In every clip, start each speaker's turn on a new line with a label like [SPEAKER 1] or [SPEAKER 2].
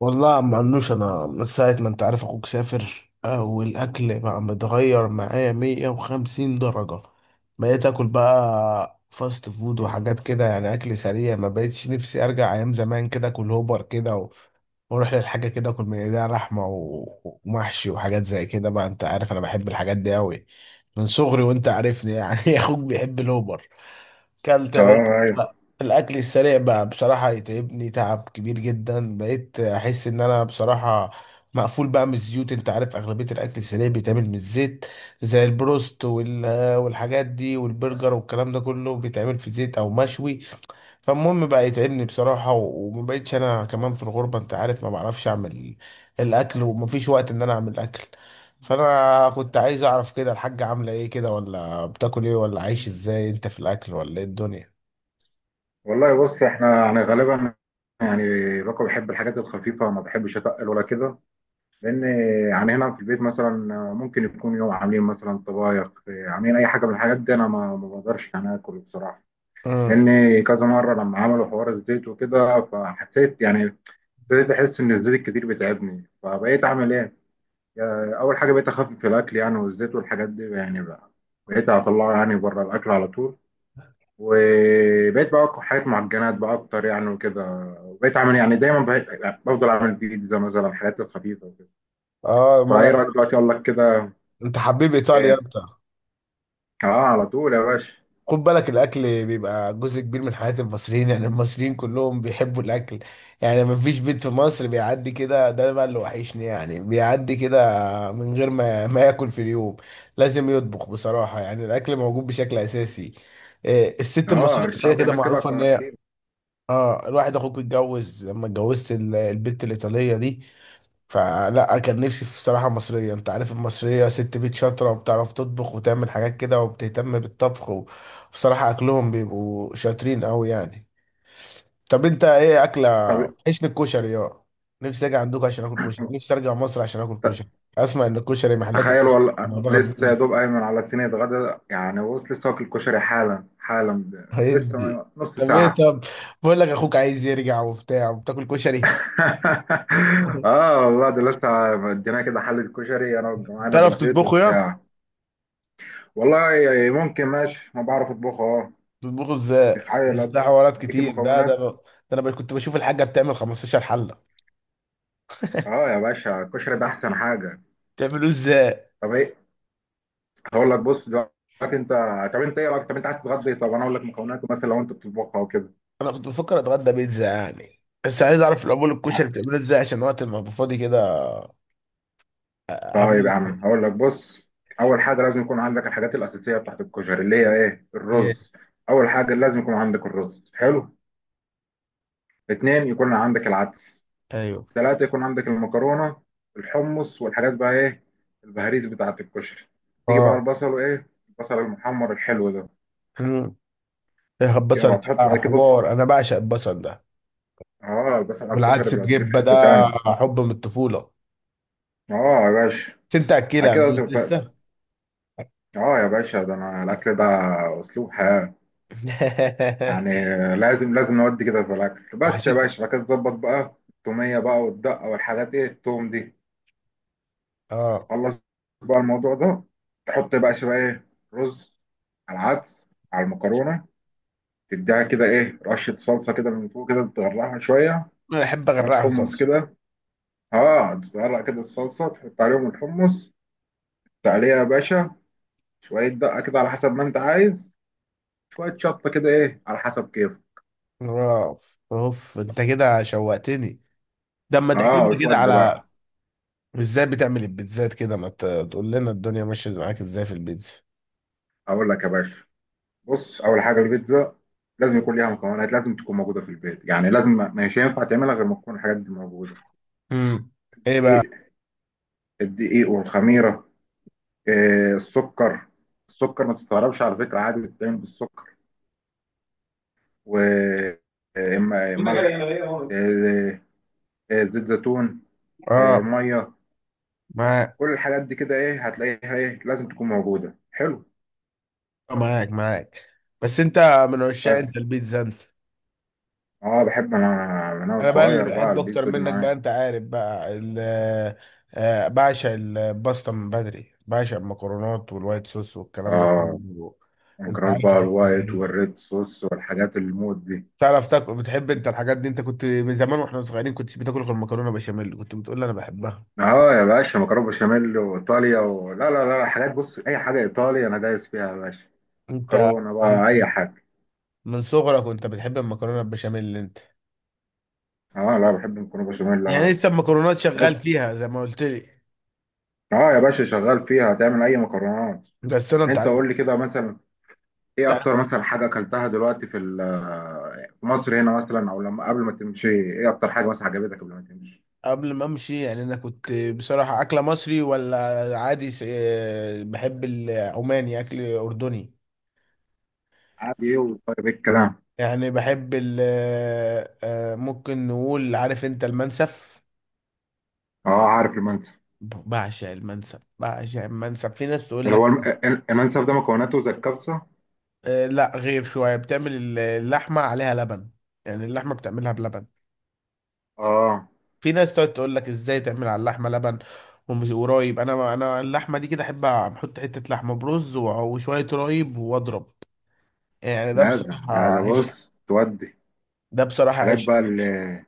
[SPEAKER 1] والله ما عنوش انا من ساعة ما انت عارف اخوك سافر، والاكل بقى متغير معايا 150 درجة. بقيت اكل بقى فاست فود وحاجات كده يعني اكل سريع ما بقيتش نفسي ارجع ايام زمان كده اكل هوبر كده واروح للحاجة كده اكل من ايديها لحمة ومحشي وحاجات زي كده بقى انت عارف انا بحب الحاجات دي اوي من صغري وانت عارفني يعني اخوك بيحب الهوبر. كلت
[SPEAKER 2] اه
[SPEAKER 1] يا باشا؟
[SPEAKER 2] ايوه.
[SPEAKER 1] لا، الاكل السريع بقى بصراحه يتعبني تعب كبير جدا، بقيت احس ان انا بصراحه مقفول بقى من الزيوت. انت عارف اغلبيه الاكل السريع بيتعمل من الزيت، زي البروست والحاجات دي والبرجر والكلام ده كله بيتعمل في زيت او مشوي. فالمهم بقى يتعبني بصراحة، وما بقتش انا كمان في الغربة انت عارف ما بعرفش اعمل الاكل، ومفيش وقت ان انا اعمل اكل. فانا كنت عايز اعرف كده الحاجة عاملة ايه كده، ولا بتاكل ايه، ولا عايش ازاي انت في الاكل، ولا ايه الدنيا.
[SPEAKER 2] والله بص احنا يعني غالبا، يعني باكو بحب الحاجات الخفيفه، ما بحبش اتقل ولا كده، لان يعني هنا في البيت مثلا ممكن يكون يوم عاملين مثلا طبايخ، عاملين اي حاجه من الحاجات دي، انا ما بقدرش يعني اكل بصراحه،
[SPEAKER 1] امم
[SPEAKER 2] لان كذا مره لما عملوا حوار الزيت وكده فحسيت يعني، ابتديت احس ان الزيت الكتير بتعبني، فبقيت اعمل ايه؟ اول حاجه بقيت اخفف الاكل يعني، والزيت والحاجات دي يعني، بقى بقيت اطلعه يعني بره الاكل على طول، وبقيت بقى أطبخ حاجات معجنات بقى أكتر يعني وكده، وبقيت أعمل يعني دايما، بقيت يعني بفضل أعمل بيتزا مثلا، الحاجات الخفيفة وكده.
[SPEAKER 1] اه ما
[SPEAKER 2] فإيه
[SPEAKER 1] انا.
[SPEAKER 2] رأيك دلوقتي أقول لك كده؟
[SPEAKER 1] انت حبيب ايطاليا
[SPEAKER 2] إيه،
[SPEAKER 1] انت.
[SPEAKER 2] أه على طول يا باشا.
[SPEAKER 1] خد بالك الاكل بيبقى جزء كبير من حياة المصريين، يعني المصريين كلهم بيحبوا الاكل. يعني ما فيش بيت في مصر بيعدي كده، ده بقى اللي وحشني، يعني بيعدي كده من غير ما ما ياكل في اليوم لازم يطبخ بصراحة. يعني الاكل موجود بشكل اساسي. إيه، الست
[SPEAKER 2] أه
[SPEAKER 1] المصرية كده
[SPEAKER 2] الشعب
[SPEAKER 1] كده
[SPEAKER 2] هناك كده
[SPEAKER 1] معروفة ان هي
[SPEAKER 2] أكيد.
[SPEAKER 1] اه الواحد اخوك اتجوز لما اتجوزت البنت الايطالية دي، فلا كان نفسي في صراحة مصرية. انت عارف المصرية ست بيت شاطرة، وبتعرف تطبخ وتعمل حاجات كده وبتهتم بالطبخ، وبصراحة اكلهم بيبقوا شاطرين قوي يعني. طب انت ايه اكلة؟
[SPEAKER 2] طب
[SPEAKER 1] عيشني الكشري، اه. نفسي اجي عندكم عشان اكل كشري، نفسي ارجع مصر عشان اكل
[SPEAKER 2] ت-
[SPEAKER 1] كشري. اسمع ان الكشري محلات
[SPEAKER 2] تخيل
[SPEAKER 1] الكشري
[SPEAKER 2] والله،
[SPEAKER 1] مضغة
[SPEAKER 2] لسه يا
[SPEAKER 1] الدنيا.
[SPEAKER 2] دوب أيمن على صينية غدا، يعني بص لسه واكل كشري حالا حالا، لسه
[SPEAKER 1] هيدي
[SPEAKER 2] نص
[SPEAKER 1] طب ايه
[SPEAKER 2] ساعة.
[SPEAKER 1] طب، بقول لك اخوك عايز يرجع وبتاع وبتاكل كشري.
[SPEAKER 2] اه والله ده لسه مدينا كده حلة كشري، انا وجماعه في
[SPEAKER 1] تعرف
[SPEAKER 2] البيت
[SPEAKER 1] تطبخه يا؟
[SPEAKER 2] وبتاع. والله يعني ممكن ماشي، ما بعرف اطبخ اه.
[SPEAKER 1] بتطبخوا ازاي؟
[SPEAKER 2] تخيل
[SPEAKER 1] بس ده
[SPEAKER 2] ادي،
[SPEAKER 1] حوارات
[SPEAKER 2] اديك
[SPEAKER 1] كتير ده ده
[SPEAKER 2] المكونات.
[SPEAKER 1] ده كنت بشوف الحاجه بتعمل 15 حله.
[SPEAKER 2] اه يا باشا الكشري ده احسن حاجه.
[SPEAKER 1] بتعملوه ازاي؟
[SPEAKER 2] طب ايه، هقول لك بص دلوقتي. انت طب، انت ايه رايك؟ طب انت عايز تتغدى إيه؟ طب انا اقول لك مكوناته مثلا لو انت بتطبخها وكده.
[SPEAKER 1] انا كنت بفكر اتغدى بيتزا يعني، بس عايز اعرف العمول
[SPEAKER 2] آه،
[SPEAKER 1] الكشري بتعمله ازاي عشان وقت ما ابقى فاضي كده
[SPEAKER 2] طيب يا
[SPEAKER 1] اعمل.
[SPEAKER 2] عم هقول لك بص. اول حاجه لازم يكون عندك الحاجات الاساسيه بتاعت الكشري، اللي هي ايه؟
[SPEAKER 1] ايه
[SPEAKER 2] الرز. اول حاجه لازم يكون عندك الرز، حلو. اتنين يكون عندك العدس.
[SPEAKER 1] ايوه.
[SPEAKER 2] ثلاثة يكون عندك المكرونة. الحمص والحاجات بقى، ايه البهاريز بتاعة الكشري. تيجي بقى
[SPEAKER 1] اه.
[SPEAKER 2] البصل، وايه البصل المحمر الحلو ده.
[SPEAKER 1] مم. ايه
[SPEAKER 2] كده
[SPEAKER 1] البصل ده؟
[SPEAKER 2] وهتحط
[SPEAKER 1] آه،
[SPEAKER 2] بعد كده بص،
[SPEAKER 1] حوار، انا بعشق البصل ده.
[SPEAKER 2] اه البصل على الكشري
[SPEAKER 1] والعدس
[SPEAKER 2] بيوديه في
[SPEAKER 1] بجبه ده،
[SPEAKER 2] حتة تاني.
[SPEAKER 1] حب من الطفوله.
[SPEAKER 2] اه يا باشا
[SPEAKER 1] بس انت
[SPEAKER 2] بعد
[SPEAKER 1] اكلها
[SPEAKER 2] كده
[SPEAKER 1] مش
[SPEAKER 2] تف...
[SPEAKER 1] لسه؟
[SPEAKER 2] اه يا باشا ده انا الاكل ده اسلوب حياة، يعني لازم لازم نودي كده في الاكل. بس يا
[SPEAKER 1] وحشتني.
[SPEAKER 2] باشا بعد كده تظبط بقى التومية بقى والدقة والحاجات، ايه التوم دي.
[SPEAKER 1] اه
[SPEAKER 2] خلص بقى الموضوع ده. تحط بقى شوية ايه، رز، على العدس، على المكرونة، تديها كده ايه رشه صلصه كده من فوق كده، تغرقها شويه،
[SPEAKER 1] انا بحب
[SPEAKER 2] شويه
[SPEAKER 1] اغرقها
[SPEAKER 2] حمص
[SPEAKER 1] صلصه.
[SPEAKER 2] كده. اه تغرق كده الصلصه، تحط عليهم الحمص، تعليها يا باشا، شويه دقه كده على حسب ما انت عايز، شويه شطه كده ايه على حسب كيفك.
[SPEAKER 1] اوف اوف، انت كده شوقتني. ده اما تحكي
[SPEAKER 2] اه
[SPEAKER 1] لنا كده
[SPEAKER 2] وتودي بقى.
[SPEAKER 1] على ازاي بتعمل البيتزات كده، ما ت- تقول لنا الدنيا ماشيه معاك ازاي في البيتزا.
[SPEAKER 2] اقول لك يا باشا بص، اول حاجه البيتزا لازم يكون ليها مكونات، لازم تكون موجوده في البيت، يعني لازم، مش هينفع تعملها غير ما تكون الحاجات دي موجوده.
[SPEAKER 1] امم ايه بقى؟
[SPEAKER 2] الدقيق، والخميره، آه السكر. السكر ما تستغربش على فكره، عادي بتتعمل بالسكر،
[SPEAKER 1] انا
[SPEAKER 2] وملح،
[SPEAKER 1] ليا مرة.
[SPEAKER 2] زيت زيتون، آه،
[SPEAKER 1] اه
[SPEAKER 2] ميه.
[SPEAKER 1] معاك.
[SPEAKER 2] كل الحاجات دي كده ايه هتلاقيها، ايه لازم تكون موجوده، حلو.
[SPEAKER 1] آه، معاك. بس انت من عشاق
[SPEAKER 2] بس
[SPEAKER 1] انت البيتزا انت.
[SPEAKER 2] اه بحب انا من انا
[SPEAKER 1] انا بقى اللي
[SPEAKER 2] صغير بقى
[SPEAKER 1] بحب اكتر
[SPEAKER 2] البيتزا دي
[SPEAKER 1] منك بقى،
[SPEAKER 2] معايا.
[SPEAKER 1] انت عارف بقى ال آه، بعشق الباستا من بدري، بعشق المكرونات والوايت صوص والكلام ده
[SPEAKER 2] اه
[SPEAKER 1] كله. انت
[SPEAKER 2] مكرونه
[SPEAKER 1] عارف
[SPEAKER 2] بقى،
[SPEAKER 1] أنا بقول
[SPEAKER 2] الوايت
[SPEAKER 1] ايه؟
[SPEAKER 2] والريد صوص والحاجات الموت دي.
[SPEAKER 1] تعرف تاكل، بتحب انت الحاجات دي، انت كنت من زمان واحنا صغيرين كنتش بتاكل غير المكرونه بشاميل، كنت بتقول لي انا بحبها.
[SPEAKER 2] اه يا باشا مكرونه بشاميل وايطاليا و... لا لا لا لا، حاجات بص، اي حاجه ايطاليا انا دايس فيها يا باشا.
[SPEAKER 1] انت
[SPEAKER 2] مكرونه
[SPEAKER 1] من
[SPEAKER 2] بقى اي حاجه.
[SPEAKER 1] من صغرك وانت بتحب المكرونه البشاميل اللي انت،
[SPEAKER 2] اه لا بحب المكرونه بشاميل
[SPEAKER 1] يعني
[SPEAKER 2] أوي.
[SPEAKER 1] لسه المكرونات شغال
[SPEAKER 2] بس
[SPEAKER 1] فيها زي ما قلت لي.
[SPEAKER 2] اه يا باشا شغال فيها، هتعمل اي مكرونات؟
[SPEAKER 1] بس انا انت
[SPEAKER 2] انت
[SPEAKER 1] عارف،
[SPEAKER 2] قول لي كده مثلا، ايه
[SPEAKER 1] عارف
[SPEAKER 2] اكتر مثلا حاجه اكلتها دلوقتي في في مصر هنا مثلا، او لما قبل ما تمشي، ايه اكتر حاجه مثلا عجبتك قبل ما تمشي؟
[SPEAKER 1] قبل ما امشي يعني انا كنت بصراحه اكله مصري ولا عادي. بحب العماني اكل اردني،
[SPEAKER 2] عادي ايه وطيب ايه الكلام.
[SPEAKER 1] يعني بحب ال آه، آه، ممكن نقول عارف انت المنسف.
[SPEAKER 2] اه عارف المنسف،
[SPEAKER 1] بعشق المنسف، بعشق المنسف. في ناس تقول
[SPEAKER 2] اللي هو
[SPEAKER 1] لك
[SPEAKER 2] المنسف ده مكوناته زي الكبسه.
[SPEAKER 1] آه، لا غير شويه بتعمل اللحمه عليها لبن، يعني اللحمه بتعملها بلبن.
[SPEAKER 2] اه
[SPEAKER 1] في ناس تقعد تقول لك ازاي تعمل على اللحمه لبن ومش ورايب؟ انا، اللحمه دي كده احب احط حته لحمه برز وشويه رايب واضرب. يعني ده
[SPEAKER 2] لازم
[SPEAKER 1] بصراحه
[SPEAKER 2] ده ده
[SPEAKER 1] عيش،
[SPEAKER 2] بص تودي
[SPEAKER 1] ده بصراحه
[SPEAKER 2] حاجات
[SPEAKER 1] عيش
[SPEAKER 2] بقى
[SPEAKER 1] عيش.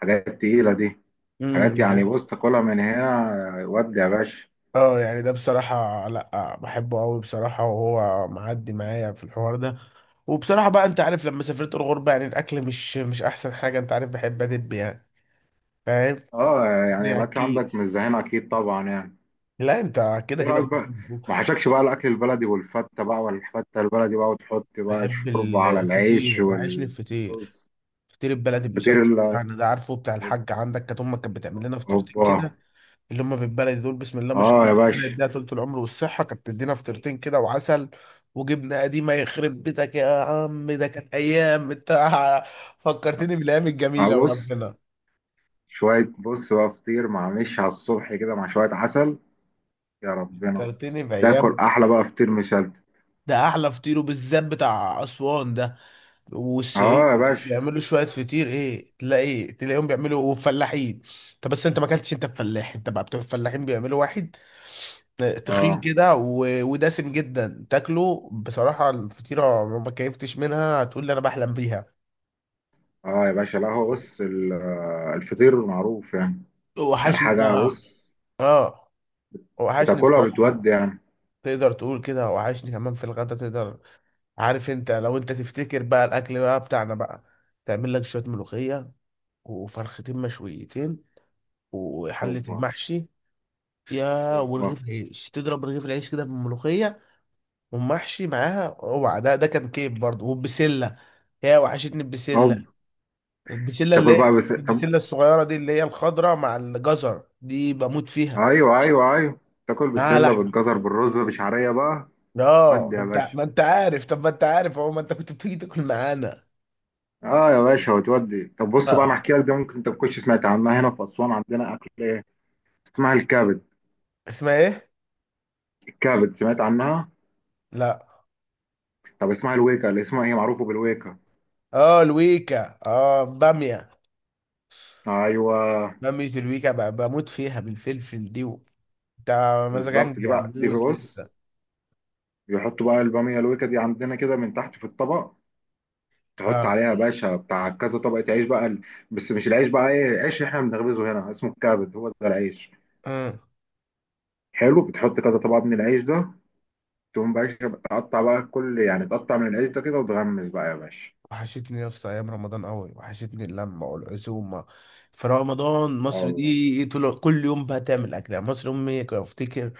[SPEAKER 2] حاجات تقيله دي،
[SPEAKER 1] امم
[SPEAKER 2] حاجات
[SPEAKER 1] يعني
[SPEAKER 2] يعني
[SPEAKER 1] ده-
[SPEAKER 2] بص تاكلها من هنا ودي يا باشا.
[SPEAKER 1] اه يعني ده بصراحه، لا بحبه قوي بصراحه، وهو معدي معايا في الحوار ده. وبصراحه بقى انت عارف لما سافرت الغربه، يعني الاكل مش مش احسن حاجه، انت عارف بحب ادب يعني، فاهم.
[SPEAKER 2] اه يعني الاكل
[SPEAKER 1] اكيد.
[SPEAKER 2] عندك مش زي هنا اكيد طبعا يعني.
[SPEAKER 1] لا انت كده
[SPEAKER 2] ايه
[SPEAKER 1] كده
[SPEAKER 2] رايك
[SPEAKER 1] بص،
[SPEAKER 2] بقى ما حشكش بقى الاكل البلدي، والفته بقى والفته البلدي بقى، وتحط بقى
[SPEAKER 1] بحب
[SPEAKER 2] الشوربه على العيش
[SPEAKER 1] الفطير، وحشني الفطير.
[SPEAKER 2] والرز.
[SPEAKER 1] فطير البلدي
[SPEAKER 2] فطير
[SPEAKER 1] بمشلتت
[SPEAKER 2] ال،
[SPEAKER 1] يعني، ده عارفه بتاع الحاج عندك، كانت امك كانت بتعمل لنا فطيرتين
[SPEAKER 2] اوبا،
[SPEAKER 1] كده، اللي هم بالبلدي دول بسم الله ما شاء
[SPEAKER 2] اه يا
[SPEAKER 1] الله ربنا
[SPEAKER 2] باشا.
[SPEAKER 1] يديها طول العمر والصحه. كانت تدينا فطيرتين كده وعسل وجبنه قديمه، يخرب بيتك يا عم، ده كانت ايام انت. فكرتني بالايام
[SPEAKER 2] آه
[SPEAKER 1] الجميله
[SPEAKER 2] بص،
[SPEAKER 1] وربنا،
[SPEAKER 2] شويه بص بقى فطير مع مش على الصبح كده مع شويه عسل، يا ربنا.
[SPEAKER 1] فكرتني
[SPEAKER 2] تاكل
[SPEAKER 1] بايام.
[SPEAKER 2] احلى بقى فطير مشلتت.
[SPEAKER 1] ده احلى فطير، وبالذات بتاع اسوان ده والشعير.
[SPEAKER 2] اه يا باشا.
[SPEAKER 1] بيعملوا شويه فطير ايه، تلاقي تلاقيهم بيعملوا فلاحين. طب بس انت ما اكلتش انت الفلاح انت بقى، بتوع الفلاحين بيعملوا واحد آه، تخين
[SPEAKER 2] اه،
[SPEAKER 1] كده ودسم جدا، تاكله بصراحه الفطيره ما كيفتش منها، هتقول لي انا بحلم بيها.
[SPEAKER 2] اه يا باشا، لا هو بص آه، الفطير معروف يعني، يعني
[SPEAKER 1] وحشني
[SPEAKER 2] حاجه
[SPEAKER 1] بقى.
[SPEAKER 2] بص
[SPEAKER 1] اه وحشني
[SPEAKER 2] بتاكلها
[SPEAKER 1] بصراحة.
[SPEAKER 2] بتودي يعني.
[SPEAKER 1] تقدر تقول كده، وحشني كمان في الغدا تقدر. عارف انت، لو انت تفتكر بقى الاكل بقى بتاعنا بقى، تعمل لك شوية ملوخية وفرختين مشويتين وحلة
[SPEAKER 2] اوبا.
[SPEAKER 1] المحشي، يا
[SPEAKER 2] اوبا.
[SPEAKER 1] ورغيف عيش تضرب رغيف العيش كده بالملوخية، ومحشي معاها، اوعى ده ده كان كيف برضه. والبسلة، يا وحشتني البسلة،
[SPEAKER 2] اوبا.
[SPEAKER 1] البسلة اللي
[SPEAKER 2] تاكل
[SPEAKER 1] هي
[SPEAKER 2] بقى بس.
[SPEAKER 1] البسلة الصغيرة دي اللي هي الخضرة مع الجزر دي، بموت فيها،
[SPEAKER 2] ايوه ايوه ايوه. تاكل
[SPEAKER 1] معاها
[SPEAKER 2] بالسله
[SPEAKER 1] لحمة.
[SPEAKER 2] بالجزر بالرز بشعريه بقى،
[SPEAKER 1] اه
[SPEAKER 2] ودي يا
[SPEAKER 1] انت
[SPEAKER 2] باشا.
[SPEAKER 1] ما انت عارف، طب ما انت عارف اهو، ما انت كنت بتيجي تاكل معانا.
[SPEAKER 2] اه يا باشا وتودي. طب بص بقى انا
[SPEAKER 1] اه.
[SPEAKER 2] احكي لك ده، ممكن انت ما كنتش سمعت عنها. هنا في اسوان عندنا اكل ايه، اسمها الكبد.
[SPEAKER 1] اسمها ايه؟
[SPEAKER 2] الكبد سمعت عنها؟
[SPEAKER 1] لا.
[SPEAKER 2] طب اسمها الويكا، اللي اسمها هي معروفه بالويكا.
[SPEAKER 1] اه الويكا، اه بامية،
[SPEAKER 2] ايوه
[SPEAKER 1] بامية الويكا، بموت فيها بالفلفل دي و-. انت
[SPEAKER 2] بالظبط،
[SPEAKER 1] مزاجنج
[SPEAKER 2] دي
[SPEAKER 1] يا
[SPEAKER 2] بقى دي
[SPEAKER 1] عموس
[SPEAKER 2] بص،
[SPEAKER 1] لسه.
[SPEAKER 2] بيحطوا بقى الباميه الويكا دي عندنا كده من تحت في الطبق، تحط
[SPEAKER 1] اه.
[SPEAKER 2] عليها يا باشا بتاع كذا طبقه عيش بقى بس مش العيش بقى ايه، عيش احنا بنخبزه هنا اسمه الكبد، هو ده العيش،
[SPEAKER 1] آه.
[SPEAKER 2] حلو. بتحط كذا طبقه من العيش ده، تقوم باشا بتقطع بقى كل يعني، تقطع من القشطة كده وتغمس بقى يا باشا.
[SPEAKER 1] وحشتني يا اسطى ايام رمضان قوي، وحشتني اللمه والعزومه في رمضان.
[SPEAKER 2] اه
[SPEAKER 1] مصر
[SPEAKER 2] والله.
[SPEAKER 1] دي طول كل يوم بقى تعمل اكل، يعني مصر امي كنت افتكر،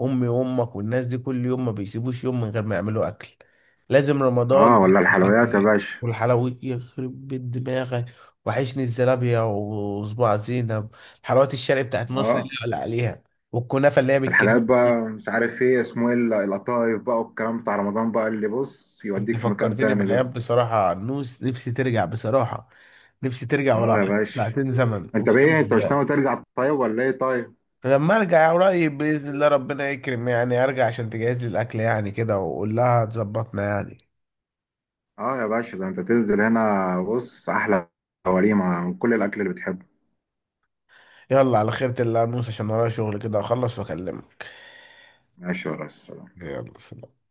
[SPEAKER 1] امي وامك والناس دي كل يوم ما بيسيبوش يوم من غير ما يعملوا اكل، لازم رمضان
[SPEAKER 2] آه، ولا
[SPEAKER 1] اكل اكل
[SPEAKER 2] الحلويات يا
[SPEAKER 1] اكل.
[SPEAKER 2] باشا.
[SPEAKER 1] والحلويات يخرب بيت دماغك، وحشني الزلابيه وصباع زينب، الحلويات الشرقي بتاعت مصر اللي
[SPEAKER 2] اه
[SPEAKER 1] ولا عليها، والكنافه اللي هي بالكريمه.
[SPEAKER 2] الحاجات بقى مش عارف ايه اسمه، ايه القطايف بقى والكلام بتاع رمضان بقى، اللي بص يوديك في مكان
[SPEAKER 1] فكرتني
[SPEAKER 2] تاني ده.
[SPEAKER 1] بأيام بصراحة، نوس نفسي ترجع بصراحة، نفسي ترجع ولو
[SPEAKER 2] اه يا
[SPEAKER 1] حتى
[SPEAKER 2] باشا
[SPEAKER 1] 2 ساعة زمن
[SPEAKER 2] انت
[SPEAKER 1] أقسم
[SPEAKER 2] بايه، انت مش
[SPEAKER 1] بالله.
[SPEAKER 2] ناوي ترجع طيب ولا ايه طيب؟
[SPEAKER 1] لما أرجع قريب بإذن الله ربنا يكرم، يعني أرجع عشان تجهز لي الأكل يعني كده، وأقول لها تظبطنا يعني.
[SPEAKER 2] اه يا باشا ده انت تنزل هنا بص، احلى وليمة من كل الاكل اللي بتحبه.
[SPEAKER 1] يلا على خيرة الله يا نوس، عشان ورايا شغل كده أخلص وأكلمك.
[SPEAKER 2] ماشي يا ريس.
[SPEAKER 1] يلا سلام.